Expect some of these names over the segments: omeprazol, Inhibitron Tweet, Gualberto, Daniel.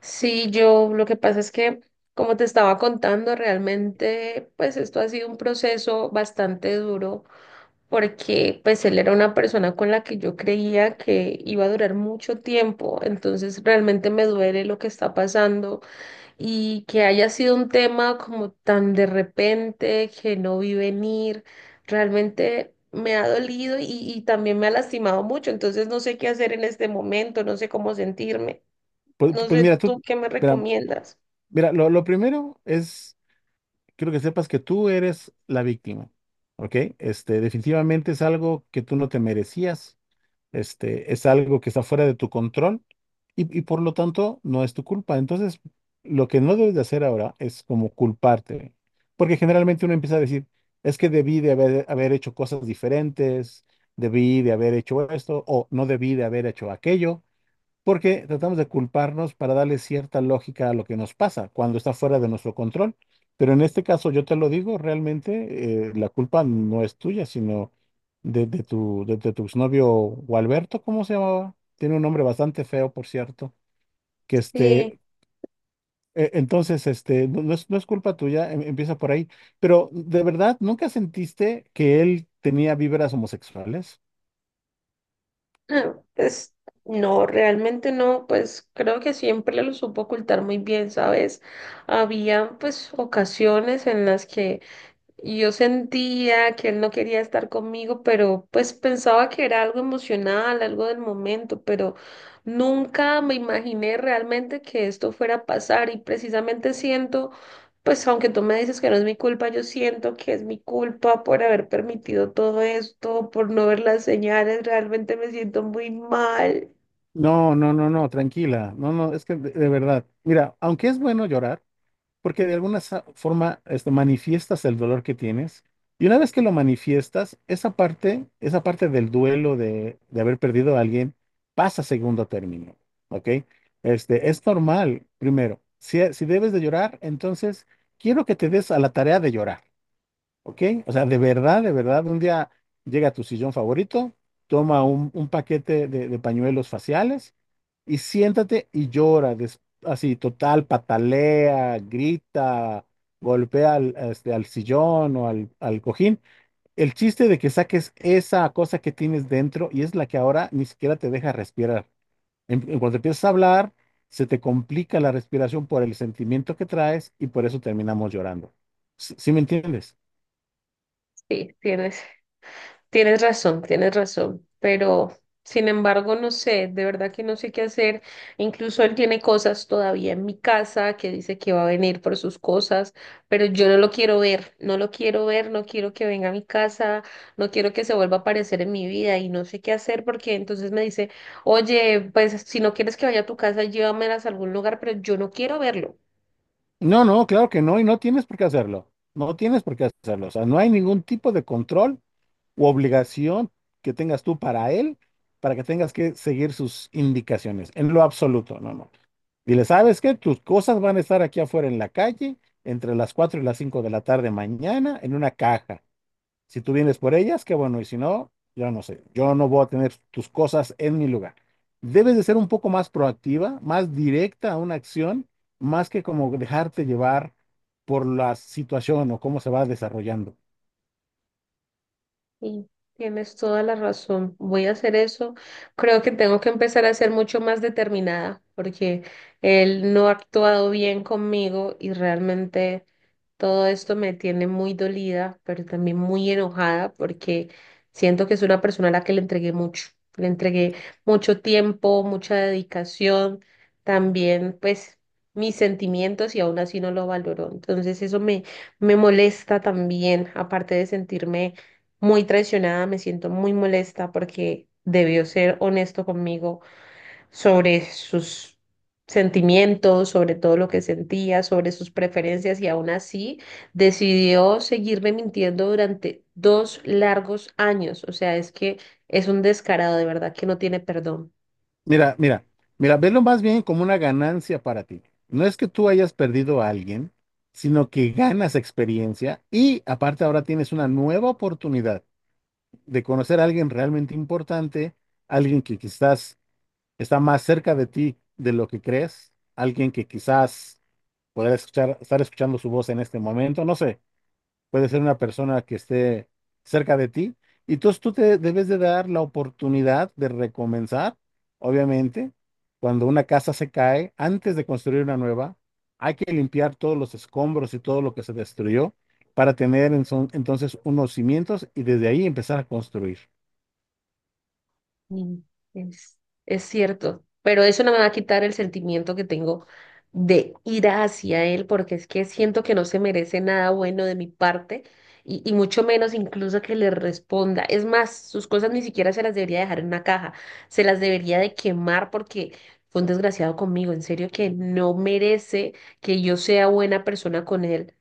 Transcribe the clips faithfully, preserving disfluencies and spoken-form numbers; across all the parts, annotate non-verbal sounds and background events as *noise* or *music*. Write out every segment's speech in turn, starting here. Sí, yo lo que pasa es que, como te estaba contando, realmente, pues esto ha sido un proceso bastante duro porque, pues él era una persona con la que yo creía que iba a durar mucho tiempo, entonces realmente me duele lo que está pasando y que haya sido un tema como tan de repente que no vi venir, realmente me ha dolido y, y también me ha lastimado mucho, entonces no sé qué hacer en este momento, no sé cómo sentirme. Pues, No pues sé, mira, tú, ¿tú qué me mira, recomiendas? mira, lo, lo primero es, quiero que sepas que tú eres la víctima, ¿ok? Este, definitivamente es algo que tú no te merecías, este, es algo que está fuera de tu control y, y por lo tanto no es tu culpa. Entonces, lo que no debes de hacer ahora es como culparte, porque generalmente uno empieza a decir, es que debí de haber, haber hecho cosas diferentes, debí de haber hecho esto o no debí de haber hecho aquello porque tratamos de culparnos para darle cierta lógica a lo que nos pasa cuando está fuera de nuestro control. Pero en este caso, yo te lo digo, realmente eh, la culpa no es tuya, sino de, de tu, de, de tu exnovio Gualberto, ¿cómo se llamaba? Tiene un nombre bastante feo, por cierto, que Eh, este... eh, Entonces, este, no, no es, no es culpa tuya, em- empieza por ahí. Pero, ¿de verdad nunca sentiste que él tenía vibras homosexuales? ah, *clears throat* pues no, realmente no, pues creo que siempre lo supo ocultar muy bien, ¿sabes? Había pues ocasiones en las que y yo sentía que él no quería estar conmigo, pero pues pensaba que era algo emocional, algo del momento, pero nunca me imaginé realmente que esto fuera a pasar y precisamente siento, pues aunque tú me dices que no es mi culpa, yo siento que es mi culpa por haber permitido todo esto, por no ver las señales, realmente me siento muy mal. No, no, no, no, tranquila. No, no, es que de de verdad. Mira, aunque es bueno llorar, porque de alguna sa- forma este, manifiestas el dolor que tienes y una vez que lo manifiestas, esa parte, esa parte del duelo de, de haber perdido a alguien pasa a segundo término, ¿ok? Este, es normal, primero, si, si debes de llorar, entonces quiero que te des a la tarea de llorar. ¿Ok? O sea, de verdad, de verdad, un día llega a tu sillón favorito, toma un, un paquete de, de pañuelos faciales y siéntate y llora, des- así, total, patalea, grita, golpea al, este, al sillón o al, al cojín. El chiste de que saques esa cosa que tienes dentro y es la que ahora ni siquiera te deja respirar. En, en cuanto empiezas a hablar, se te complica la respiración por el sentimiento que traes y por eso terminamos llorando. ¿Sí, sí me entiendes? Sí, tienes. Tienes razón, tienes razón, pero sin embargo, no sé, de verdad que no sé qué hacer. Incluso él tiene cosas todavía en mi casa que dice que va a venir por sus cosas, pero yo no lo quiero ver, no lo quiero ver, no quiero que venga a mi casa, no quiero que se vuelva a aparecer en mi vida y no sé qué hacer porque entonces me dice, oye, pues si no quieres que vaya a tu casa, llévamelas a algún lugar, pero yo no quiero verlo. No, no, claro que no, y no tienes por qué hacerlo. No tienes por qué hacerlo. O sea, no hay ningún tipo de control u obligación que tengas tú para él, para que tengas que seguir sus indicaciones, en lo absoluto. No, no. Dile, ¿sabes qué? Tus cosas van a estar aquí afuera en la calle entre las cuatro y las cinco de la tarde mañana en una caja. Si tú vienes por ellas, qué bueno, y si no, yo no sé, yo no voy a tener tus cosas en mi lugar. Debes de ser un poco más proactiva, más directa a una acción, más que como dejarte llevar por la situación o cómo se va desarrollando. Sí, tienes toda la razón. Voy a hacer eso. Creo que tengo que empezar a ser mucho más determinada porque él no ha actuado bien conmigo y realmente todo esto me tiene muy dolida, pero también muy enojada porque siento que es una persona a la que le entregué mucho. Le entregué mucho tiempo, mucha dedicación, también pues mis sentimientos y aún así no lo valoró. Entonces eso me, me molesta también, aparte de sentirme muy traicionada, me siento muy molesta porque debió ser honesto conmigo sobre sus sentimientos, sobre todo lo que sentía, sobre sus preferencias y aún así decidió seguirme mintiendo durante dos largos años. O sea, es que es un descarado, de verdad que no tiene perdón. Mira, mira, mira, velo más bien como una ganancia para ti. No es que tú hayas perdido a alguien, sino que ganas experiencia y aparte ahora tienes una nueva oportunidad de conocer a alguien realmente importante, alguien que quizás está más cerca de ti de lo que crees, alguien que quizás podrá escuchar, estar escuchando su voz en este momento, no sé, puede ser una persona que esté cerca de ti, y entonces tú te debes de dar la oportunidad de recomenzar, obviamente, cuando una casa se cae, antes de construir una nueva, hay que limpiar todos los escombros y todo lo que se destruyó para tener en son- entonces unos cimientos y desde ahí empezar a construir. Mm, Es, es cierto, pero eso no me va a quitar el sentimiento que tengo de ira hacia él, porque es que siento que no se merece nada bueno de mi parte y, y mucho menos incluso que le responda. Es más, sus cosas ni siquiera se las debería dejar en una caja, se las debería de quemar porque fue un desgraciado conmigo. En serio que no merece que yo sea buena persona con él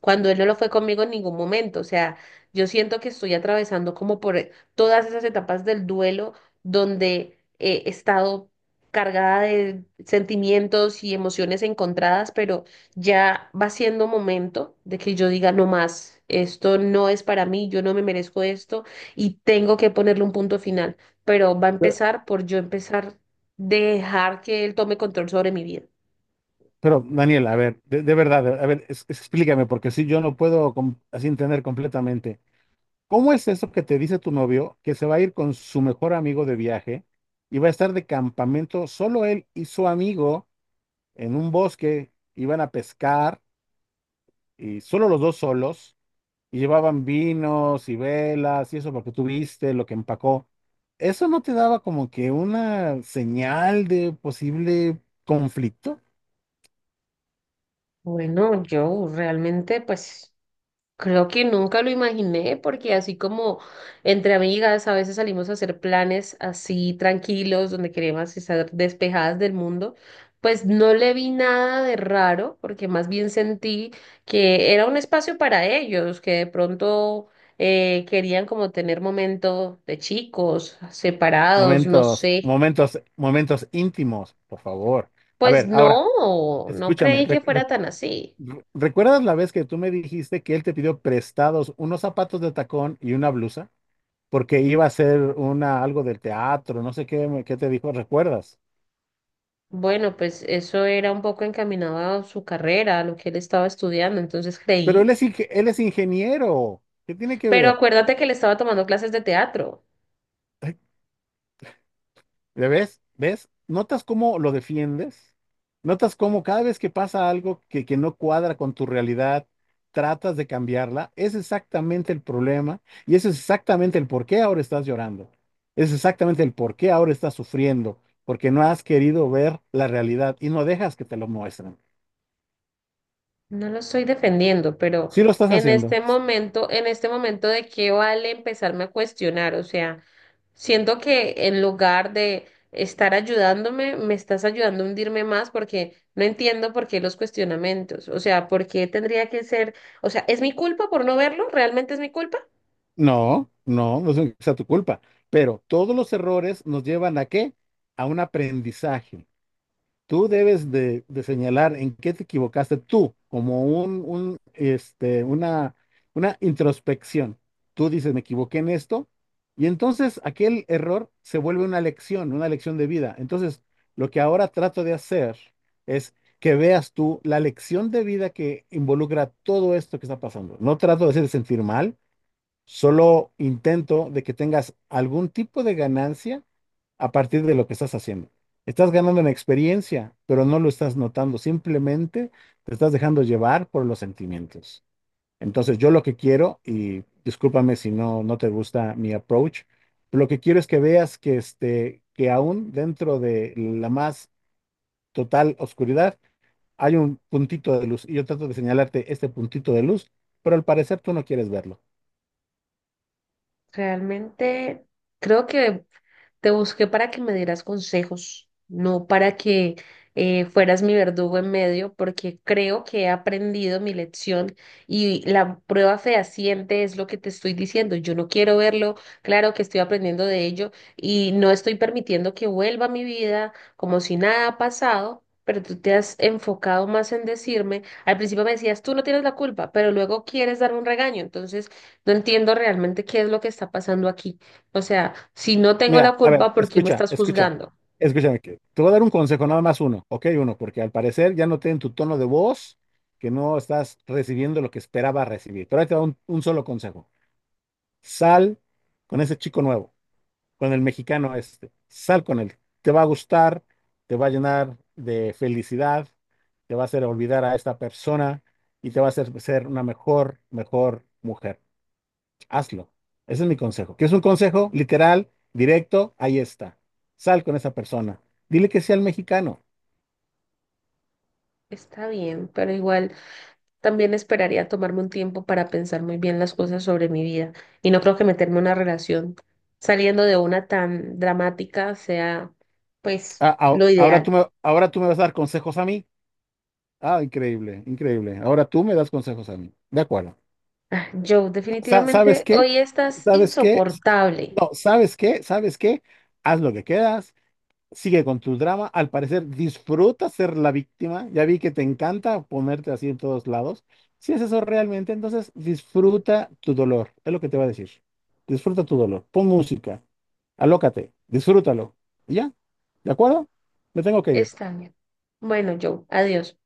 cuando él no lo fue conmigo en ningún momento. O sea, yo siento que estoy atravesando como por todas esas etapas del duelo donde eh, he estado cargada de sentimientos y emociones encontradas, pero ya va siendo momento de que yo diga no más, esto no es para mí, yo no me merezco esto y tengo que ponerle un punto final, pero va a empezar por yo empezar dejar que él tome control sobre mi vida. Pero, Daniel, a ver, de, de verdad, a ver, es- explícame, porque si yo no puedo com- así entender completamente. ¿Cómo es eso que te dice tu novio que se va a ir con su mejor amigo de viaje y va a estar de campamento solo él y su amigo en un bosque? Iban a pescar y solo los dos solos y llevaban vinos y velas y eso porque tú viste lo que empacó. ¿Eso no te daba como que una señal de posible conflicto? Bueno, yo realmente pues... Creo que nunca lo imaginé porque así como entre amigas a veces salimos a hacer planes así tranquilos, donde queremos estar despejadas del mundo, pues no le vi nada de raro porque más bien sentí que era un espacio para ellos, que de pronto eh, querían como tener momentos de chicos separados, no Momentos, sé. momentos, momentos íntimos, por favor. A Pues ver, ahora, no, no escúchame. creí que re- re- fuera tan así. Re- ¿recuerdas la vez que tú me dijiste que él te pidió prestados unos zapatos de tacón y una blusa? Porque iba a hacer una, algo del teatro, no sé qué, me- qué te dijo, ¿recuerdas? Bueno, pues eso era un poco encaminado a su carrera, a lo que él estaba estudiando, entonces Pero creí. él es, inge- él es ingeniero. ¿Qué tiene que Pero ver? acuérdate que él estaba tomando clases de teatro. ¿Le ves? ¿Ves? ¿Notas cómo lo defiendes? ¿Notas cómo cada vez que pasa algo que, que no cuadra con tu realidad, tratas de cambiarla? Es exactamente el problema y eso es exactamente el por qué ahora estás llorando. Es exactamente el por qué ahora estás sufriendo, porque no has querido ver la realidad y no dejas que te lo muestren. No lo estoy defendiendo, pero Sí lo estás en haciendo. este momento, en este momento de qué vale empezarme a cuestionar, o sea, siento que en lugar de estar ayudándome, me estás ayudando a hundirme más porque no entiendo por qué los cuestionamientos, o sea, por qué tendría que ser, o sea, ¿es mi culpa por no verlo? ¿Realmente es mi culpa? No, no, no es tu culpa, pero todos los errores nos llevan ¿a qué? A un aprendizaje. Tú debes de, de señalar en qué te equivocaste tú, como un, un, este, una, una introspección. Tú dices, me equivoqué en esto, y entonces aquel error se vuelve una lección, una lección de vida. Entonces, lo que ahora trato de hacer es que veas tú la lección de vida que involucra todo esto que está pasando. No trato de hacerte sentir mal, solo intento de que tengas algún tipo de ganancia a partir de lo que estás haciendo. Estás ganando en experiencia, pero no lo estás notando, simplemente te estás dejando llevar por los sentimientos. Entonces, yo lo que quiero, y discúlpame si no, no te gusta mi approach, pero lo que quiero es que veas que, este, que aún dentro de la más total oscuridad hay un puntito de luz y yo trato de señalarte este puntito de luz, pero al parecer tú no quieres verlo. Realmente creo que te busqué para que me dieras consejos, no para que eh, fueras mi verdugo en medio, porque creo que he aprendido mi lección y la prueba fehaciente es lo que te estoy diciendo. Yo no quiero verlo, claro que estoy aprendiendo de ello y no estoy permitiendo que vuelva a mi vida como si nada ha pasado. Pero tú te has enfocado más en decirme, al principio me decías, tú no tienes la culpa, pero luego quieres darme un regaño, entonces no entiendo realmente qué es lo que está pasando aquí. O sea, si no tengo Mira, la a ver, culpa, ¿por qué me escucha, estás escucha, juzgando? escúchame, que te voy a dar un consejo, nada más uno, ok, uno, porque al parecer ya noté en tu tono de voz que no estás recibiendo lo que esperaba recibir. Pero ahí te va un, un solo consejo. Sal con ese chico nuevo, con el mexicano este, sal con él. Te va a gustar, te va a llenar de felicidad, te va a hacer olvidar a esta persona y te va a hacer ser una mejor, mejor mujer. Hazlo. Ese es mi consejo. ¿Quieres un consejo literal, directo? Ahí está. Sal con esa persona. Dile que sea el mexicano. Está bien, pero igual también esperaría tomarme un tiempo para pensar muy bien las cosas sobre mi vida. Y no creo que meterme en una relación saliendo de una tan dramática sea, pues, Ah, ah, lo ahora tú ideal. me, ahora tú me vas a dar consejos a mí. Ah, increíble, increíble. Ahora tú me das consejos a mí. De acuerdo. Joe, Sa- ¿Sabes definitivamente qué? hoy estás ¿Sabes qué? insoportable. No, ¿sabes qué? ¿Sabes qué? Haz lo que quieras. Sigue con tu drama. Al parecer, disfrutas ser la víctima. Ya vi que te encanta ponerte así en todos lados. Si es eso realmente, entonces disfruta tu dolor. Es lo que te va a decir. Disfruta tu dolor. Pon música. Alócate. Disfrútalo. ¿Y ya? ¿De acuerdo? Me tengo que Está ir. bien. Bueno, Joe, adiós.